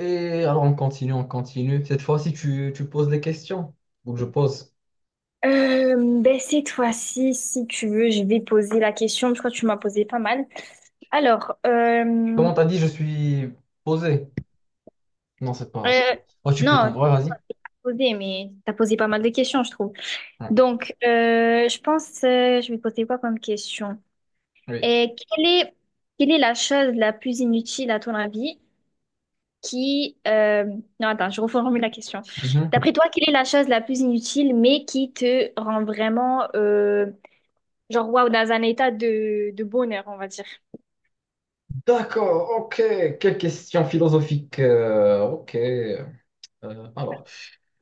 Et alors on continue, on continue. Cette fois-ci, tu poses des questions. Donc je pose. Ben cette fois-ci, si tu veux, je vais poser la question. Je crois que tu m'as posé pas mal. Alors, Comment t'as dit, je suis posé? Non, c'est pas euh, grave. Oh, non, ouais, t'as vas-y. posé, mais t'as posé pas mal de questions, je trouve. Ouais, Donc, je pense, je vais poser quoi comme question? oui. Et quelle est la chose la plus inutile à ton avis qui... euh, non, attends, je reformule la question. Mhm. D'après toi, quelle est la chose la plus inutile mais qui te rend vraiment, genre, waouh, dans un état de bonheur, on va dire? D'accord, ok. Quelle question philosophique. Ok. Alors,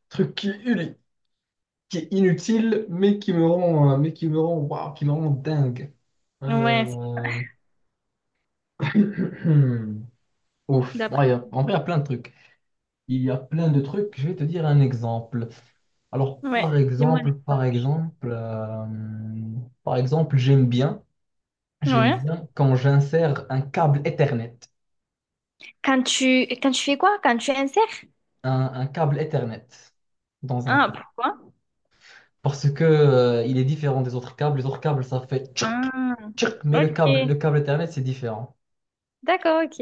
truc qui est inutile, mais qui me rend, mais qui me rend, waouh, qui me rend dingue. Ouais, Euh, Ouf. d'après. Ouais, en vrai, il y a plein de trucs. Il y a plein de trucs. Je vais te dire un exemple. Alors, Ouais, par dis-moi. Exemple, par exemple, euh, par exemple, j'aime bien, j'aime Ouais. bien quand j'insère un câble Ethernet, Quand tu fais quoi? Quand tu insères? un câble Ethernet dans un Ah, port. pourquoi? Parce que, il est différent des autres câbles. Les autres câbles, ça fait tchirk, Ah, tchirk, mais le câble, le ok. câble Ethernet, c'est différent. D'accord, ok.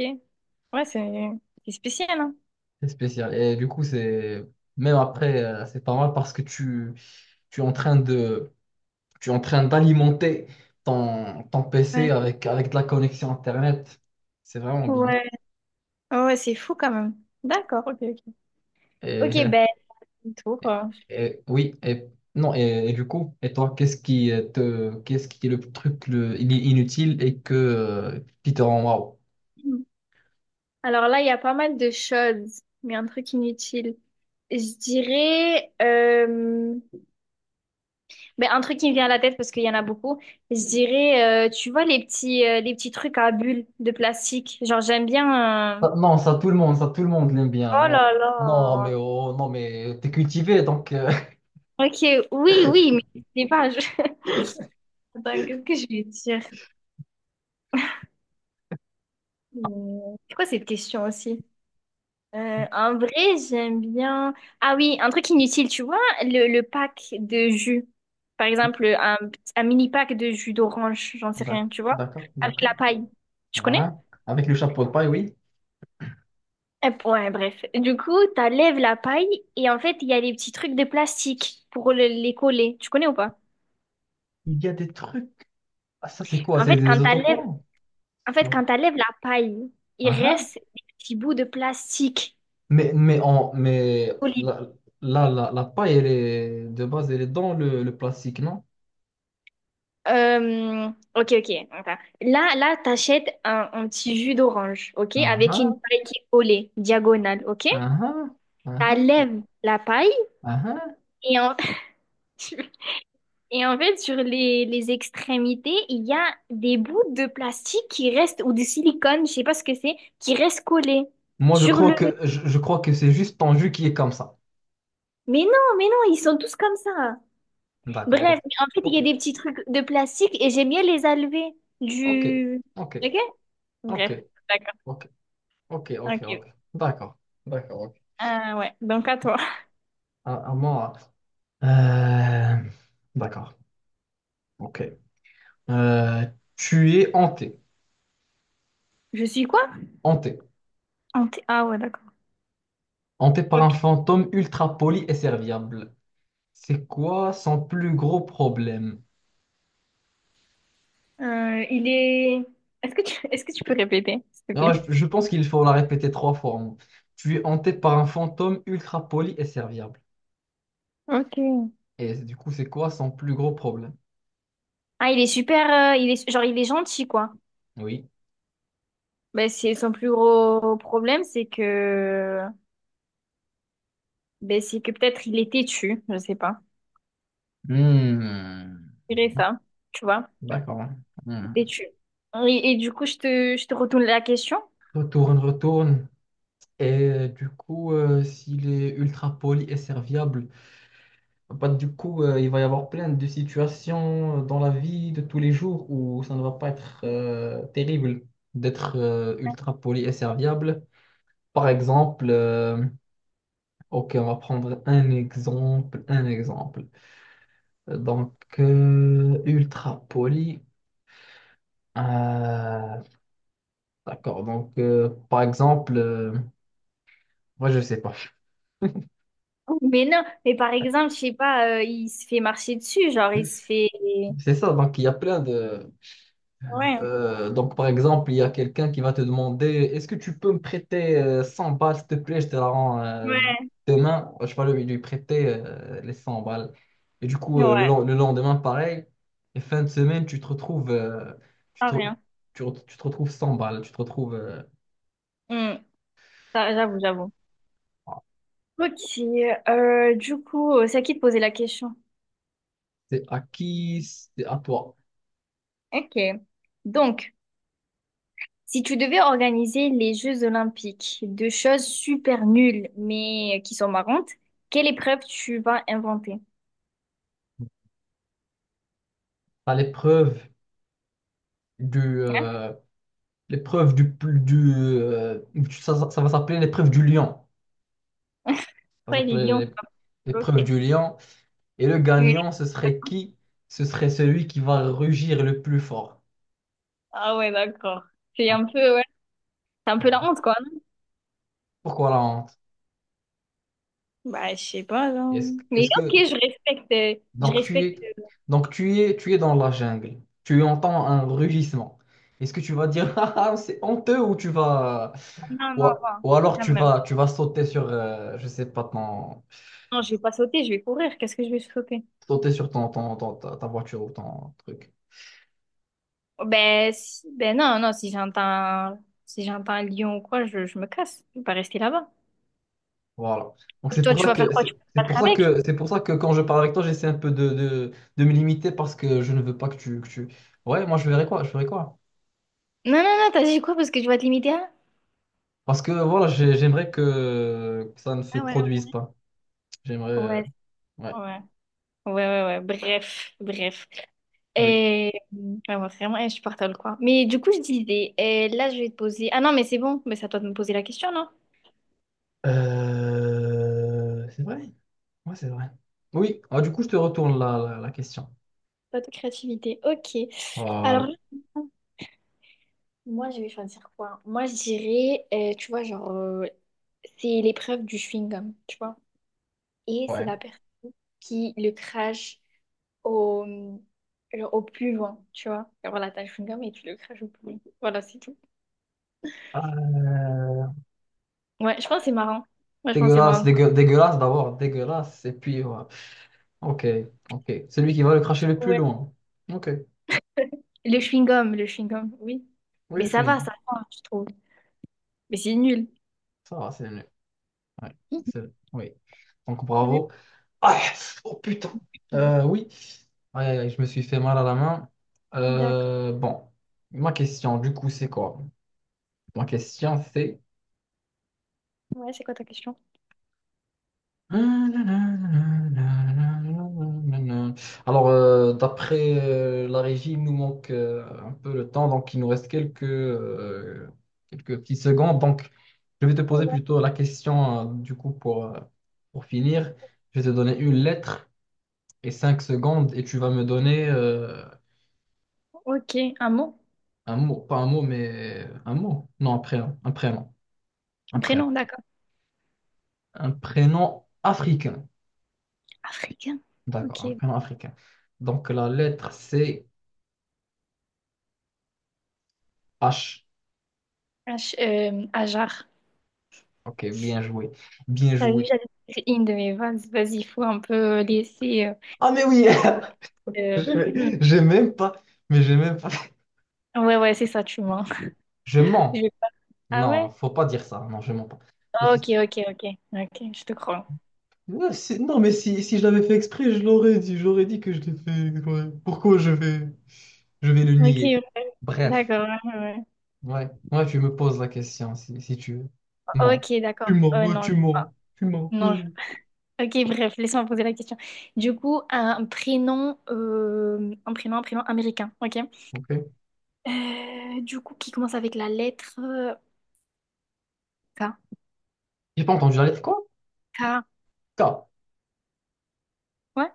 Ouais, c'est spécial, hein? C'est spécial. Et du coup, même après, c'est pas mal parce que tu es en train de, tu es en train d'alimenter ton PC Ouais. avec de la connexion Internet. C'est vraiment bien. Ouais. Ah ouais, c'est fou quand même. D'accord, ok, ok. Et Ok, ben, tour. Oui, et non, et du coup, et toi, qu'est-ce qui est le truc il est inutile et que qui te rend waouh? Alors là, il y a pas mal de choses, mais un truc inutile. Je mais un truc qui me vient à la tête parce qu'il y en a beaucoup, je dirais, tu vois les les petits trucs à bulles de plastique. Genre j'aime bien. Non, ça tout le monde l'aime bien. Oh là là. Oh, non, mais t'es cultivé donc, Ok, oui, oui, mais je sais pas. Attends, qu'est-ce que je vais dire? C'est quoi cette question aussi? En vrai, j'aime bien. Ah oui, un truc inutile, tu vois, le pack de jus. Par exemple, un mini pack de jus d'orange, j'en sais rien, tu vois, d'accord, avec la d'accord. paille. Tu connais? Hein, avec le chapeau de paille, oui. Eh, ouais, bref. Du coup, t'enlèves la paille et en fait, il y a des petits trucs de plastique pour les coller. Tu connais ou pas? Il y a des trucs. Ah, ça c'est quoi? En C'est fait, des quand t'enlèves, autocollants. en fait, Quoi? quand t'enlèves la paille, il Ah, ah. reste des petits bouts de plastique Mais collés. la paille, elle est, de base, elle est dans le plastique, non? Euh, ok, ok. Attends. Là, t'achètes un petit jus d'orange, ok? Ah Avec une ah, paille qui est collée, diagonale, ok? ah ah, ah ah, T'enlèves la paille ah ah. et en... Et en fait, sur les extrémités, il y a des bouts de plastique qui restent, ou de silicone, je sais pas ce que c'est, qui restent collés Moi, je sur crois le... que, je, je crois que c'est juste ton jus qui est comme ça. Mais non, ils sont tous comme ça. D'accord. Bref, en fait, il y Ok, a des petits trucs de plastique et j'aime bien les enlever ok, du... ok, Ok? ok, Bref, d'accord. ok, ok, ok, Ok. ok. D'accord, d'accord, ok. Ouais, donc à toi. À moi. Euh, D'accord, ok. Euh, tu es hanté, Je suis quoi? hanté, Anté- ah ouais, d'accord. hanté par un Ok. fantôme ultra poli et serviable. C'est quoi son plus gros problème? Euh, il est... Est-ce que tu peux répéter, s'il te Alors, plaît? je pense qu'il faut la répéter trois fois, hein. Tu es hanté par un fantôme ultra poli et serviable. Ok. Et du coup, c'est quoi son plus gros problème? Ah, il est genre, il est gentil, quoi. Oui. Ben, c'est son plus gros problème, c'est que ben, c'est que peut-être il est têtu, je sais pas. Hmm. Je dirais ça, tu vois, D'accord. Hmm. têtu. Et du coup, je te retourne la question. Retourne, retourne. Et du coup, s'il est ultra poli et serviable, bah, du coup, il va y avoir plein de situations dans la vie de tous les jours où ça ne va pas être terrible d'être ultra poli et serviable. Par exemple, ok, on va prendre un exemple, un exemple. Donc, ultra poli. euh, d'accord, donc, par exemple, moi, je sais pas. Mais non, mais par exemple, je sais pas, il se fait marcher dessus, genre il se fait. C'est ça, donc il y a plein de... Ouais, Donc, par exemple, il y a quelqu'un qui va te demander, est-ce que tu peux me prêter 100 balles, s'il te plaît, je te la rends ouais, demain. Je vais lui prêter les 100 balles. Et du coup, ouais, le lendemain, pareil, et fin de semaine, tu ah, te, re- rien. Tu te retrouves 100 balles. Tu te retrouves, euh, Hmm, ça, j'avoue, j'avoue. Ok, du coup, c'est à qui de poser la question? c'est à qui? C'est à toi. Ok. Donc, si tu devais organiser les Jeux Olympiques, deux choses super nulles mais qui sont marrantes, quelle épreuve tu vas inventer? T'as l'épreuve du, Hein? euh, l'épreuve du, plus- du ça va s'appeler l'épreuve du lion. Ça va Pourquoi les lions s'appeler sont l'épreuve bloqués? du lion. Et le Oui. gagnant, ce serait qui? Ce serait celui qui va rugir le plus fort. Ah ouais, d'accord. C'est un Donc, peu, ouais. C'est un peu la voilà. honte, quoi. Non. Pourquoi la honte? Bah, je sais pas, Est-ce, non. que- Mais est-ce ok, que je respecte, je donc tu respecte. es tu es dans la jungle. Tu entends un rugissement. Est-ce que tu vas dire ah, ah, c'est honteux ou tu vas Non, non, non, ou alors quand tu même. vas tu vas sauter sur je sais pas ton Non, je vais pas sauter, je vais courir. Qu'est-ce que je vais sauter? sauter sur ta voiture ou ton truc. Oh, ben, si, ben non, non, si j'entends, si j'entends un lion ou quoi, je me casse. Je vais pas rester là-bas. Voilà. Donc c'est Toi, pour, ouais, tu ça vas faire que quoi? Tu c'est vas te c'est pour battre ça avec? que c'est pour ça que quand je parle avec toi, j'essaie un peu de, de me limiter parce que je ne veux pas que tu... Ouais, moi je verrai quoi, je verrai quoi. Non, non, non, t'as dit quoi? Parce que je vais te limiter à... Parce que voilà, j'aimerais que ça ne se Ah ouais, produise ouais. pas. J'aimerais. Ouais, Ouais, ouais, ouais. Bref, bref. oui. Et ouais, ouais, vraiment insupportable, quoi. Mais du coup, je disais, et là, je vais te poser. Ah non, mais c'est bon, mais c'est à toi de me poser la question, non? C'est vrai? Ouais, c'est vrai. Oui. Ah, du coup, je te retourne la question. Pas de créativité. Ok. Alors, Voilà. moi, je vais choisir quoi? Moi, je dirais, tu vois, genre, c'est l'épreuve du chewing-gum, tu vois. Et c'est Ouais. la personne qui le crache au, genre au puant, tu vois. Et voilà, t'as le chewing-gum et tu le craches au puant. Voilà, c'est tout. Euh, Ouais, je pense que c'est marrant. Moi, je pense que c'est Dégueulasse, marrant. Dégueulasse d'abord, dégueulasse. Et puis, voilà. Ok, ok. Celui qui va le cracher le plus Ouais. loin. Ok. Le chewing-gum, oui. Oui, Mais le chewing. Ça va, je trouve. Mais c'est nul. Ça va, c'est mieux. Ouais, Hum, oui. Donc t'as vu? bravo. Ah, oh putain. Hum, Oui. Aïe, aïe, aïe, je me suis fait mal à la main. D'accord. Bon, ma question, du coup, c'est quoi? Ma question, c'est Ouais, c'est quoi ta question? alors, d'après la régie, il nous manque un peu le temps, donc il nous reste quelques petites secondes. Donc, je vais te poser Ouais. plutôt la question, du coup, pour finir. Je vais te donner une lettre et 5 secondes, et tu vas me donner Ok, un mot? un mot, pas un mot, mais un mot. Non, un prénom, un prénom, un Un prénom. prénom, d'accord. Un prénom africain. Africain. D'accord, un Ok. prénom africain. Donc, la lettre, c'est H. H, Ajar. Ok, bien joué. Bien T'as vu, joué. j'avais fait une de mes vannes. Vas-y, il faut un peu laisser... Ah, mais oui! euh, euh, J'ai même pas. Mais j'ai même pas. Ouais, ouais, c'est ça, tu mens. Je Je mens. vais pas- Ah ouais? Non, faut pas dire ça. Non, je mens pas. Je Ok, suis- ok, ok. Ok, je te crois. Ouais, non, mais si je l'avais fait exprès, je l'aurais dit. J'aurais dit que je l'ai fait exprès. Pourquoi je vais le Ok, nier? ouais. Bref. D'accord. Ouais, ouais. Ouais. Ouais, tu me poses la question si tu veux. Ouais. Mens. Ok, Tu d'accord. mens. Ouais, Non, je tu crois pas. mens. Tu mens. Non. Oui. Ok, bref, laisse-moi poser la question. Du coup, un prénom, un prénom américain, ok? Ok. Du coup, qui commence avec la lettre K. J'ai pas entendu la lettre quoi? K. K. Ouais,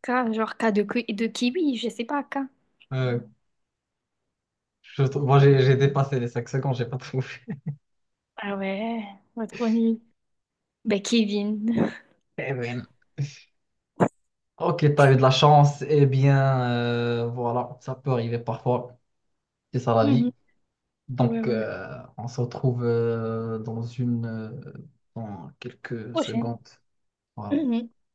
K, genre K de kiwi, je sais pas, K. Euh, Moi, j'ai dépassé les 5 secondes, j'ai pas trouvé. Ah ouais, ouais, trop nul. Ben, Kevin. Eh ben, ok, t'as eu de la chance. Eh bien, voilà, ça peut arriver parfois. C'est ça la vie. Mhm. Ouais, ouais, Donc, ouais. On se retrouve dans quelques Prochaine. secondes. Voilà.